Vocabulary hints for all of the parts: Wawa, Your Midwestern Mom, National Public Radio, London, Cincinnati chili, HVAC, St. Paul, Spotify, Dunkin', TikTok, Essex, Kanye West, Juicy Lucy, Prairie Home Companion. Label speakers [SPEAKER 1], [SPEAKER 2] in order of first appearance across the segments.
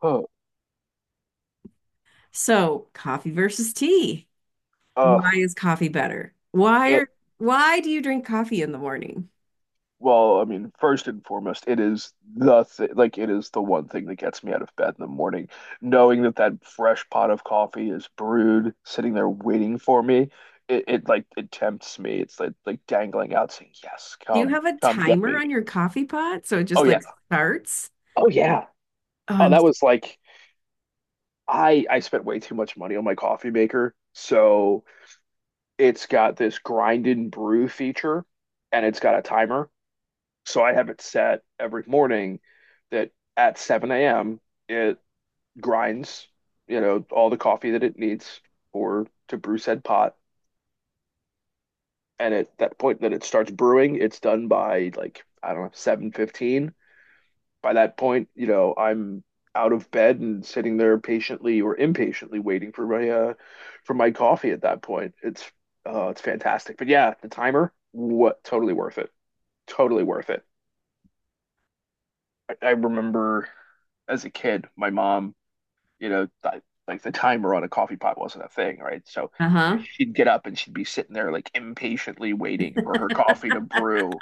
[SPEAKER 1] Huh.
[SPEAKER 2] So, coffee versus tea. Why
[SPEAKER 1] Uh,
[SPEAKER 2] is coffee better?
[SPEAKER 1] it,
[SPEAKER 2] Why do you drink coffee in the morning?
[SPEAKER 1] well, I mean, first and foremost, it is the th like it is the one thing that gets me out of bed in the morning, knowing that that fresh pot of coffee is brewed, sitting there waiting for me. It like it tempts me. It's like dangling out, saying, "Yes,
[SPEAKER 2] Do you
[SPEAKER 1] come,
[SPEAKER 2] have a
[SPEAKER 1] come get
[SPEAKER 2] timer
[SPEAKER 1] me."
[SPEAKER 2] on your coffee pot so it
[SPEAKER 1] Oh
[SPEAKER 2] just
[SPEAKER 1] yeah,
[SPEAKER 2] like starts?
[SPEAKER 1] oh yeah.
[SPEAKER 2] Oh,
[SPEAKER 1] Oh,
[SPEAKER 2] I'm
[SPEAKER 1] that was like I spent way too much money on my coffee maker, so it's got this grind and brew feature, and it's got a timer. So I have it set every morning that at 7 a.m. it grinds, you know, all the coffee that it needs for to brew said pot. And at that point that it starts brewing, it's done by like, I don't know, 7:15. By that point, you know, I'm out of bed and sitting there patiently or impatiently waiting for my coffee at that point. It's fantastic. But yeah, the timer, what totally worth it. Totally worth it. I remember as a kid, my mom, you know, th like the timer on a coffee pot wasn't a thing, right? So
[SPEAKER 2] uh-huh.
[SPEAKER 1] she'd get up and she'd be sitting there like impatiently waiting for her coffee to brew.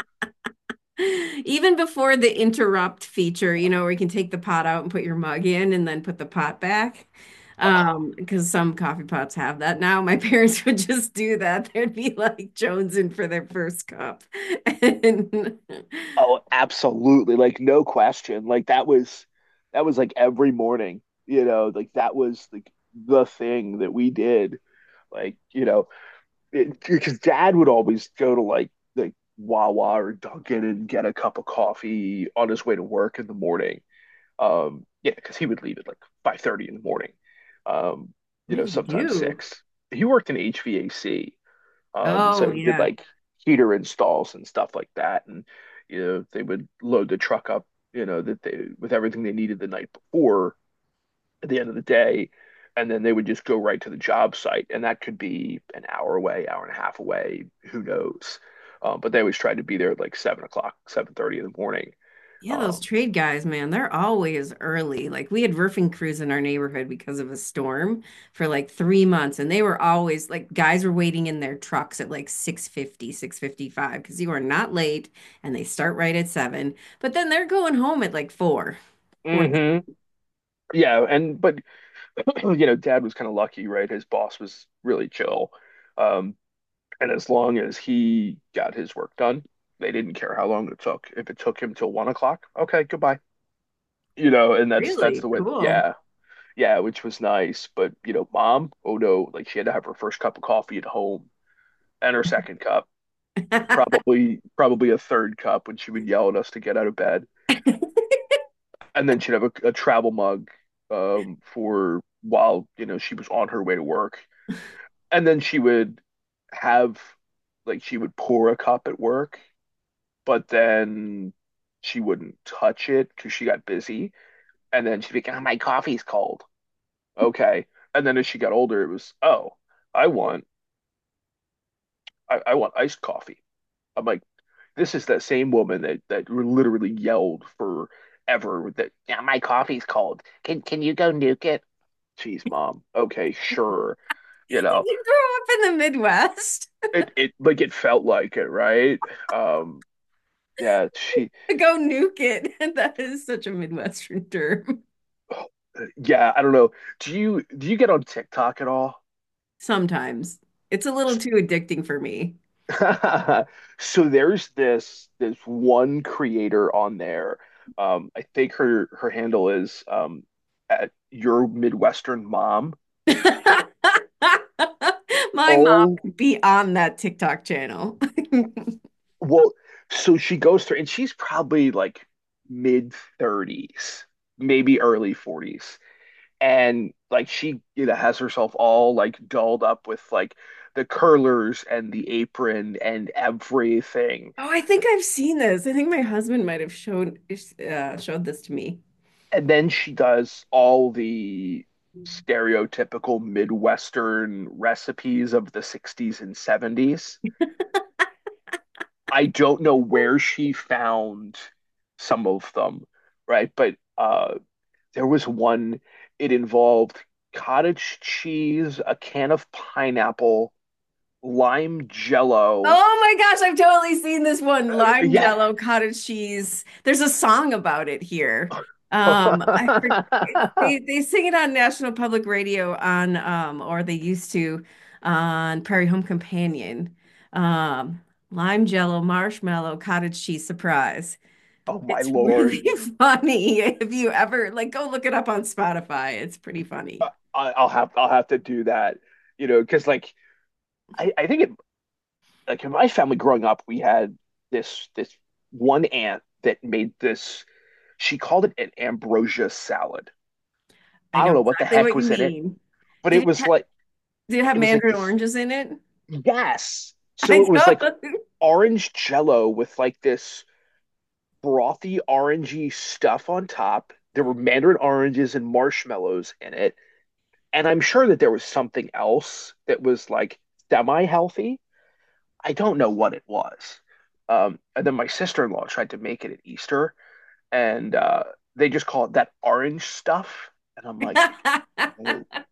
[SPEAKER 2] Even before the interrupt feature, you know, where you can take the pot out and put your mug in and then put the pot back.
[SPEAKER 1] Oh,
[SPEAKER 2] Because some coffee pots have that now. My parents would just do that. They'd be like jonesing for their first cup. And
[SPEAKER 1] oh, absolutely. Like no question. Like that was like every morning, you know, like that was like the thing that we did. Like, you know, it, because dad would always go to like Wawa or Dunkin' and get a cup of coffee on his way to work in the morning. Yeah, because he would leave at like 5:30 in the morning. Um,
[SPEAKER 2] what
[SPEAKER 1] you
[SPEAKER 2] did
[SPEAKER 1] know,
[SPEAKER 2] he
[SPEAKER 1] sometimes
[SPEAKER 2] do?
[SPEAKER 1] six. He worked in HVAC.
[SPEAKER 2] Oh,
[SPEAKER 1] So he did
[SPEAKER 2] yeah.
[SPEAKER 1] like heater installs and stuff like that. And you know, they would load the truck up, you know, that they with everything they needed the night before at the end of the day, and then they would just go right to the job site. And that could be an hour away, hour and a half away, who knows? But they always tried to be there at like 7 o'clock, 7:30 in the morning.
[SPEAKER 2] Yeah, those
[SPEAKER 1] Um,
[SPEAKER 2] trade guys, man, they're always early. Like we had roofing crews in our neighborhood because of a storm for like three months, and they were always like guys were waiting in their trucks at like 6:50, 6:55, because you are not late and they start right at seven. But then they're going home at like four. Four.
[SPEAKER 1] hmm, yeah, and but you know, Dad was kind of lucky, right? His boss was really chill. Um, and as long as he got his work done, they didn't care how long it took. If it took him till 1 o'clock, okay, goodbye. You know, and that's
[SPEAKER 2] Really
[SPEAKER 1] that's the way,
[SPEAKER 2] cool.
[SPEAKER 1] yeah, yeah, which was nice. But you know, mom, oh no, like she had to have her first cup of coffee at home and her second cup.
[SPEAKER 2] Did
[SPEAKER 1] And probably a third cup when she would yell at us to get out of bed, and then she'd have a travel mug, for while she was on her way to work, and then she would have like she would pour a cup at work, but then she wouldn't touch it because she got busy. And then she'd be like, "Oh, my coffee's cold." Okay. And then as she got older, it was, "Oh, I want I want iced coffee." I'm like, this is that same woman that that literally yelled forever that, "Yeah, my coffee's cold. Can you go nuke it?" Jeez, mom. Okay, sure. You know,
[SPEAKER 2] you grow up in the Midwest?
[SPEAKER 1] it like it felt like it, right? Um, yeah, she.
[SPEAKER 2] Go nuke it. That is such a Midwestern term.
[SPEAKER 1] Yeah, I don't know. Do you get on TikTok at all?
[SPEAKER 2] Sometimes it's a little too addicting for me.
[SPEAKER 1] So there's this one creator on there. I think her handle is @YourMidwesternMom.
[SPEAKER 2] My mom
[SPEAKER 1] Oh,
[SPEAKER 2] could be on that TikTok channel.
[SPEAKER 1] well, so she goes through, and she's probably like mid 30s, maybe early 40s. And like she, you know, has herself all like dolled up with like the curlers and the apron and everything.
[SPEAKER 2] Oh, I think I've seen this. I think my husband might have showed showed this to me.
[SPEAKER 1] And then she does all the stereotypical midwestern recipes of the 60s and 70s. I don't know where she found some of them, right? But there was one. It involved cottage cheese, a can of pineapple, lime jello.
[SPEAKER 2] Oh my gosh, I've totally seen this one. Lime
[SPEAKER 1] Yeah.
[SPEAKER 2] jello, cottage cheese. There's a song about it here. Um, I for- it's, they they sing it on National Public Radio on or they used to on Prairie Home Companion. Um, Lime jello, marshmallow, cottage cheese surprise.
[SPEAKER 1] Oh my
[SPEAKER 2] It's
[SPEAKER 1] Lord.
[SPEAKER 2] really funny. If you ever like go look it up on Spotify, it's pretty funny.
[SPEAKER 1] I'll have to do that. You know, because like I think it like in my family growing up, we had this one aunt that made this. She called it an ambrosia salad.
[SPEAKER 2] I
[SPEAKER 1] I
[SPEAKER 2] know
[SPEAKER 1] don't know what the
[SPEAKER 2] exactly
[SPEAKER 1] heck
[SPEAKER 2] what you
[SPEAKER 1] was in it,
[SPEAKER 2] mean.
[SPEAKER 1] but
[SPEAKER 2] Did
[SPEAKER 1] it
[SPEAKER 2] it,
[SPEAKER 1] was like,
[SPEAKER 2] did it have
[SPEAKER 1] it was like
[SPEAKER 2] mandarin
[SPEAKER 1] this.
[SPEAKER 2] oranges in it?
[SPEAKER 1] Yes,
[SPEAKER 2] I
[SPEAKER 1] so it was like
[SPEAKER 2] don't.
[SPEAKER 1] orange jello with like this frothy orangey stuff on top. There were mandarin oranges and marshmallows in it. And I'm sure that there was something else that was like semi healthy. I don't know what it was. And then my sister-in-law tried to make it at Easter, and they just call it that orange stuff. And I'm like, oh.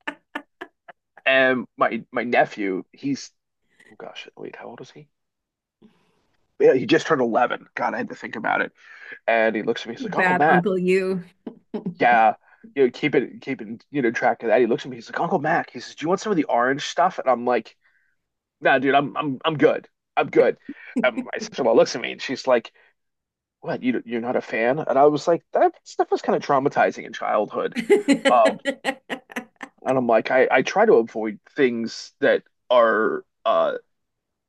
[SPEAKER 1] And my nephew, he's oh gosh, wait, how old is he? Yeah, he just turned 11. God, I had to think about it. And he looks at me, he's
[SPEAKER 2] Too
[SPEAKER 1] like, Uncle
[SPEAKER 2] bad,
[SPEAKER 1] Matt,
[SPEAKER 2] Uncle You.
[SPEAKER 1] yeah, you know, keeping track of that. He looks at me, he's like, Uncle Mac, he says, do you want some of the orange stuff? And I'm like, nah, dude, I'm good. I'm good. And my sister-in-law looks at me and she's like, "What? You're not a fan?" And I was like, "That stuff was kind of traumatizing in childhood." Um, and I'm like, I try to avoid things that are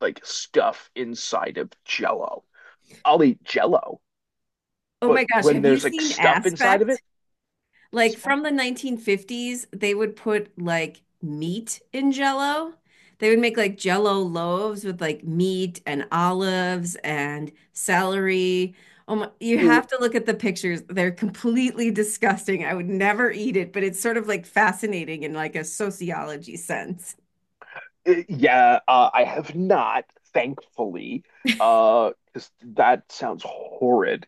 [SPEAKER 1] like stuff inside of Jello. I'll eat Jello,
[SPEAKER 2] Oh my
[SPEAKER 1] but
[SPEAKER 2] gosh,
[SPEAKER 1] when
[SPEAKER 2] have you
[SPEAKER 1] there's like
[SPEAKER 2] seen
[SPEAKER 1] stuff inside of it,
[SPEAKER 2] Aspect? Like
[SPEAKER 1] like,
[SPEAKER 2] from the 1950s, they would put like meat in jello. They would make like jello loaves with like meat and olives and celery. Oh my, you
[SPEAKER 1] "Well,
[SPEAKER 2] have to look at the pictures. They're completely disgusting. I would never eat it, but it's sort of like fascinating in like a sociology sense.
[SPEAKER 1] yeah, I have not, thankfully, because that sounds horrid.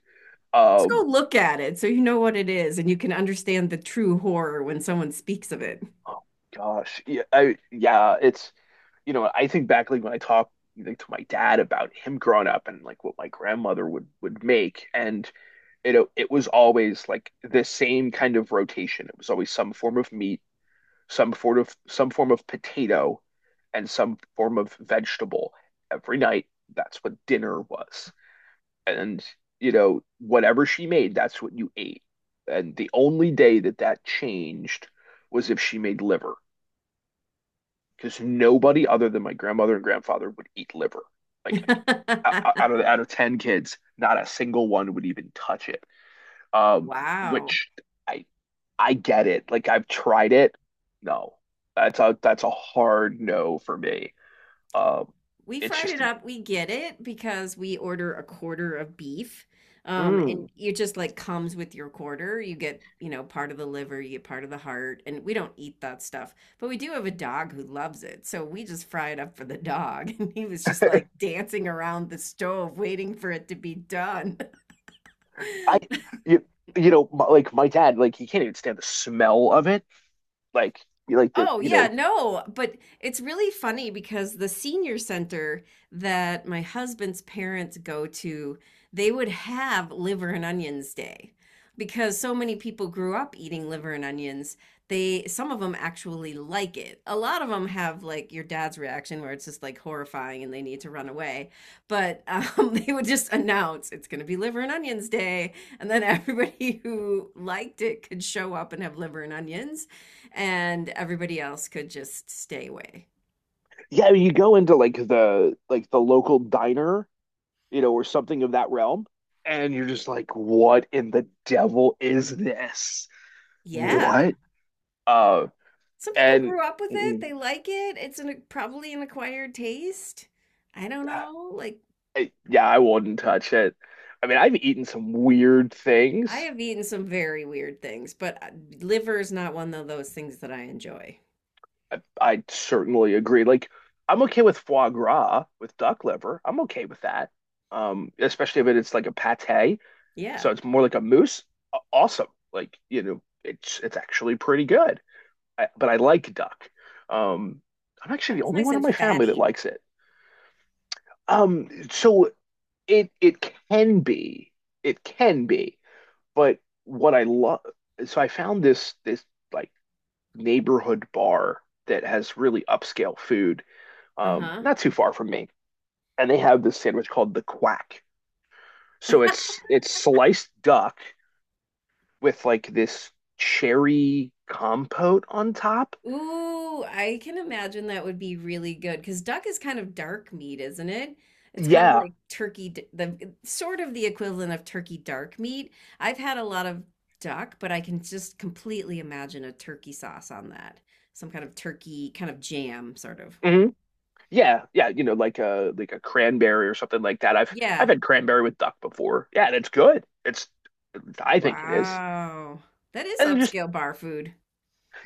[SPEAKER 2] Just
[SPEAKER 1] Um
[SPEAKER 2] go look at it so you know what it is and you can understand the true horror when someone speaks of it.
[SPEAKER 1] Oh gosh, yeah, I, yeah. It's you know, I think back like when I talk like to my dad about him growing up and like what my grandmother would make, and you know, it was always like the same kind of rotation. It was always some form of meat, some form of potato, and some form of vegetable every night. That's what dinner was, and you know, whatever she made, that's what you ate. And the only day that that changed was if she made liver because nobody other than my grandmother and grandfather would eat liver. Like out of 10 kids, not a single one would even touch it. Um,
[SPEAKER 2] Wow.
[SPEAKER 1] which I I get it. Like I've tried it. No. That's a hard no for me. Um,
[SPEAKER 2] We
[SPEAKER 1] it's
[SPEAKER 2] fried
[SPEAKER 1] just
[SPEAKER 2] it
[SPEAKER 1] an-
[SPEAKER 2] up. We get it because we order a quarter of beef.
[SPEAKER 1] mm,
[SPEAKER 2] And it just like comes with your quarter. You get, you know, part of the liver, you get part of the heart, and we don't eat that stuff. But we do have a dog who loves it. So we just fry it up for the dog. And he was just like dancing around the stove waiting for it to be done.
[SPEAKER 1] I you, you know my, like my dad, like he can't even stand the smell of it. Like you like the
[SPEAKER 2] Oh,
[SPEAKER 1] you
[SPEAKER 2] yeah,
[SPEAKER 1] know
[SPEAKER 2] no, but it's really funny because the senior center that my husband's parents go to, they would have liver and onions day because so many people grew up eating liver and onions. They, some of them actually like it. A lot of them have like your dad's reaction where it's just like horrifying and they need to run away. But they would just announce it's going to be liver and onions day. And then everybody who liked it could show up and have liver and onions and everybody else could just stay away.
[SPEAKER 1] yeah, you go into like the local diner, you know, or something of that realm. And you're just like, what in the devil is this?
[SPEAKER 2] Yeah.
[SPEAKER 1] What? Uh,
[SPEAKER 2] Some people
[SPEAKER 1] and
[SPEAKER 2] grew up with it.
[SPEAKER 1] mm,
[SPEAKER 2] They like it. It's an, probably an acquired taste. I don't know. Like,
[SPEAKER 1] yeah, I wouldn't touch it. I mean, I've eaten some weird
[SPEAKER 2] I
[SPEAKER 1] things.
[SPEAKER 2] have eaten some very weird things, but liver is not one of those things that I enjoy.
[SPEAKER 1] I certainly agree. Like, I'm okay with foie gras, with duck liver. I'm okay with that. Especially if it's like a pate,
[SPEAKER 2] Yeah.
[SPEAKER 1] so it's more like a mousse. Awesome. Like, you know, it's actually pretty good. But I like duck. Um, I'm
[SPEAKER 2] Like
[SPEAKER 1] actually the
[SPEAKER 2] it's
[SPEAKER 1] only
[SPEAKER 2] nice
[SPEAKER 1] one in
[SPEAKER 2] and
[SPEAKER 1] my family that
[SPEAKER 2] fatty.
[SPEAKER 1] likes it. So it can be, it can be, but what I love, so I found this like neighborhood bar that has really upscale food,
[SPEAKER 2] Uh-huh.
[SPEAKER 1] not too far from me, and they have this sandwich called the Quack. So it's sliced duck with like this cherry compote on top.
[SPEAKER 2] Ooh, I can imagine that would be really good because duck is kind of dark meat, isn't it? It's kind of
[SPEAKER 1] Yeah.
[SPEAKER 2] like turkey, d- the sort of the equivalent of turkey dark meat. I've had a lot of duck, but I can just completely imagine a turkey sauce on that. Some kind of turkey, kind of jam, sort of.
[SPEAKER 1] Mhm. Yeah, yeah, you know, like a cranberry or something like that. I've
[SPEAKER 2] Yeah.
[SPEAKER 1] had cranberry with duck before. Yeah, and it's good. It's I think it is.
[SPEAKER 2] Wow. That is
[SPEAKER 1] And it just
[SPEAKER 2] upscale bar food.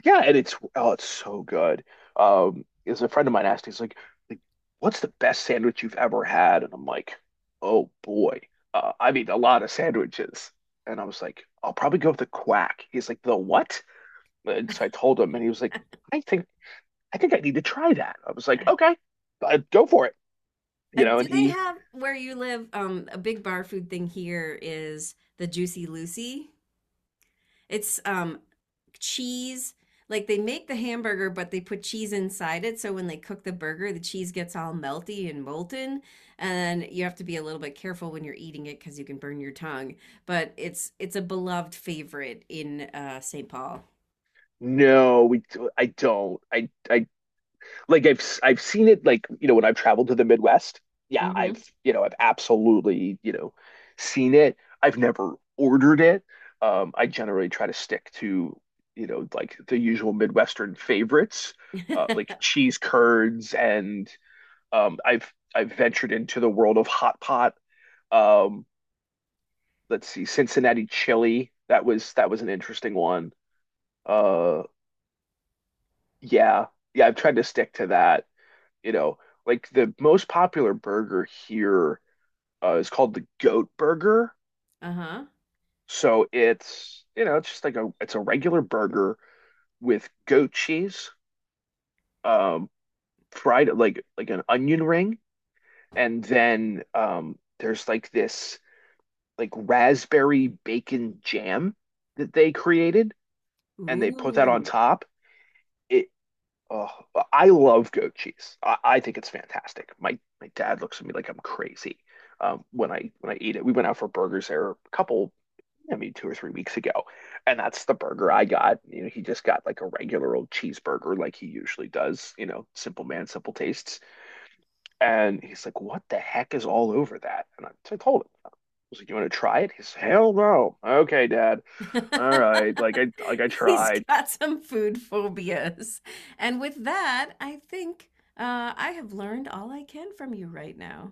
[SPEAKER 1] yeah, and it's oh, it's so good. Is a friend of mine asked, he's like, what's the best sandwich you've ever had? And I'm like, oh boy, I've eaten a lot of sandwiches. And I was like, I'll probably go with the quack. He's like, the what? And so I told him, and he was like, I think I think I need to try that. I was like, okay, go for it. You know,
[SPEAKER 2] Do
[SPEAKER 1] and
[SPEAKER 2] they
[SPEAKER 1] he
[SPEAKER 2] have where you live? A big bar food thing here is the Juicy Lucy. It's cheese. Like they make the hamburger, but they put cheese inside it. So when they cook the burger, the cheese gets all melty and molten. And you have to be a little bit careful when you're eating it because you can burn your tongue. But it's a beloved favorite in St. Paul.
[SPEAKER 1] no, we I don't. I like I've seen it like, you know, when I've traveled to the Midwest. Yeah,
[SPEAKER 2] Hmm.
[SPEAKER 1] I've, you know, I've absolutely, you know, seen it. I've never ordered it. I generally try to stick to, you know, like the usual Midwestern favorites, like cheese curds and I've ventured into the world of hot pot. Um, let's see, Cincinnati chili. That was an interesting one. Uh yeah. Yeah, I've tried to stick to that. You know, like the most popular burger here is called the goat burger.
[SPEAKER 2] Uh-huh.
[SPEAKER 1] So it's, you know, it's just like a it's a regular burger with goat cheese, um, fried like an onion ring, and then there's like this like raspberry bacon jam that they created, and they put that on
[SPEAKER 2] Ooh.
[SPEAKER 1] top. It Oh, I love goat cheese. I think it's fantastic. My dad looks at me like I'm crazy, when I eat it. We went out for burgers there a couple, I mean, 2 or 3 weeks ago, and that's the burger I got. You know, he just got like a regular old cheeseburger, like he usually does. You know, simple man, simple tastes. And he's like, "What the heck is all over that?" And so I told him, "I was like, you want to try it?" He's, "Hell no." Okay, Dad. All right. Like I
[SPEAKER 2] He's
[SPEAKER 1] tried.
[SPEAKER 2] got some food phobias. And with that, I think I have learned all I can from you right now.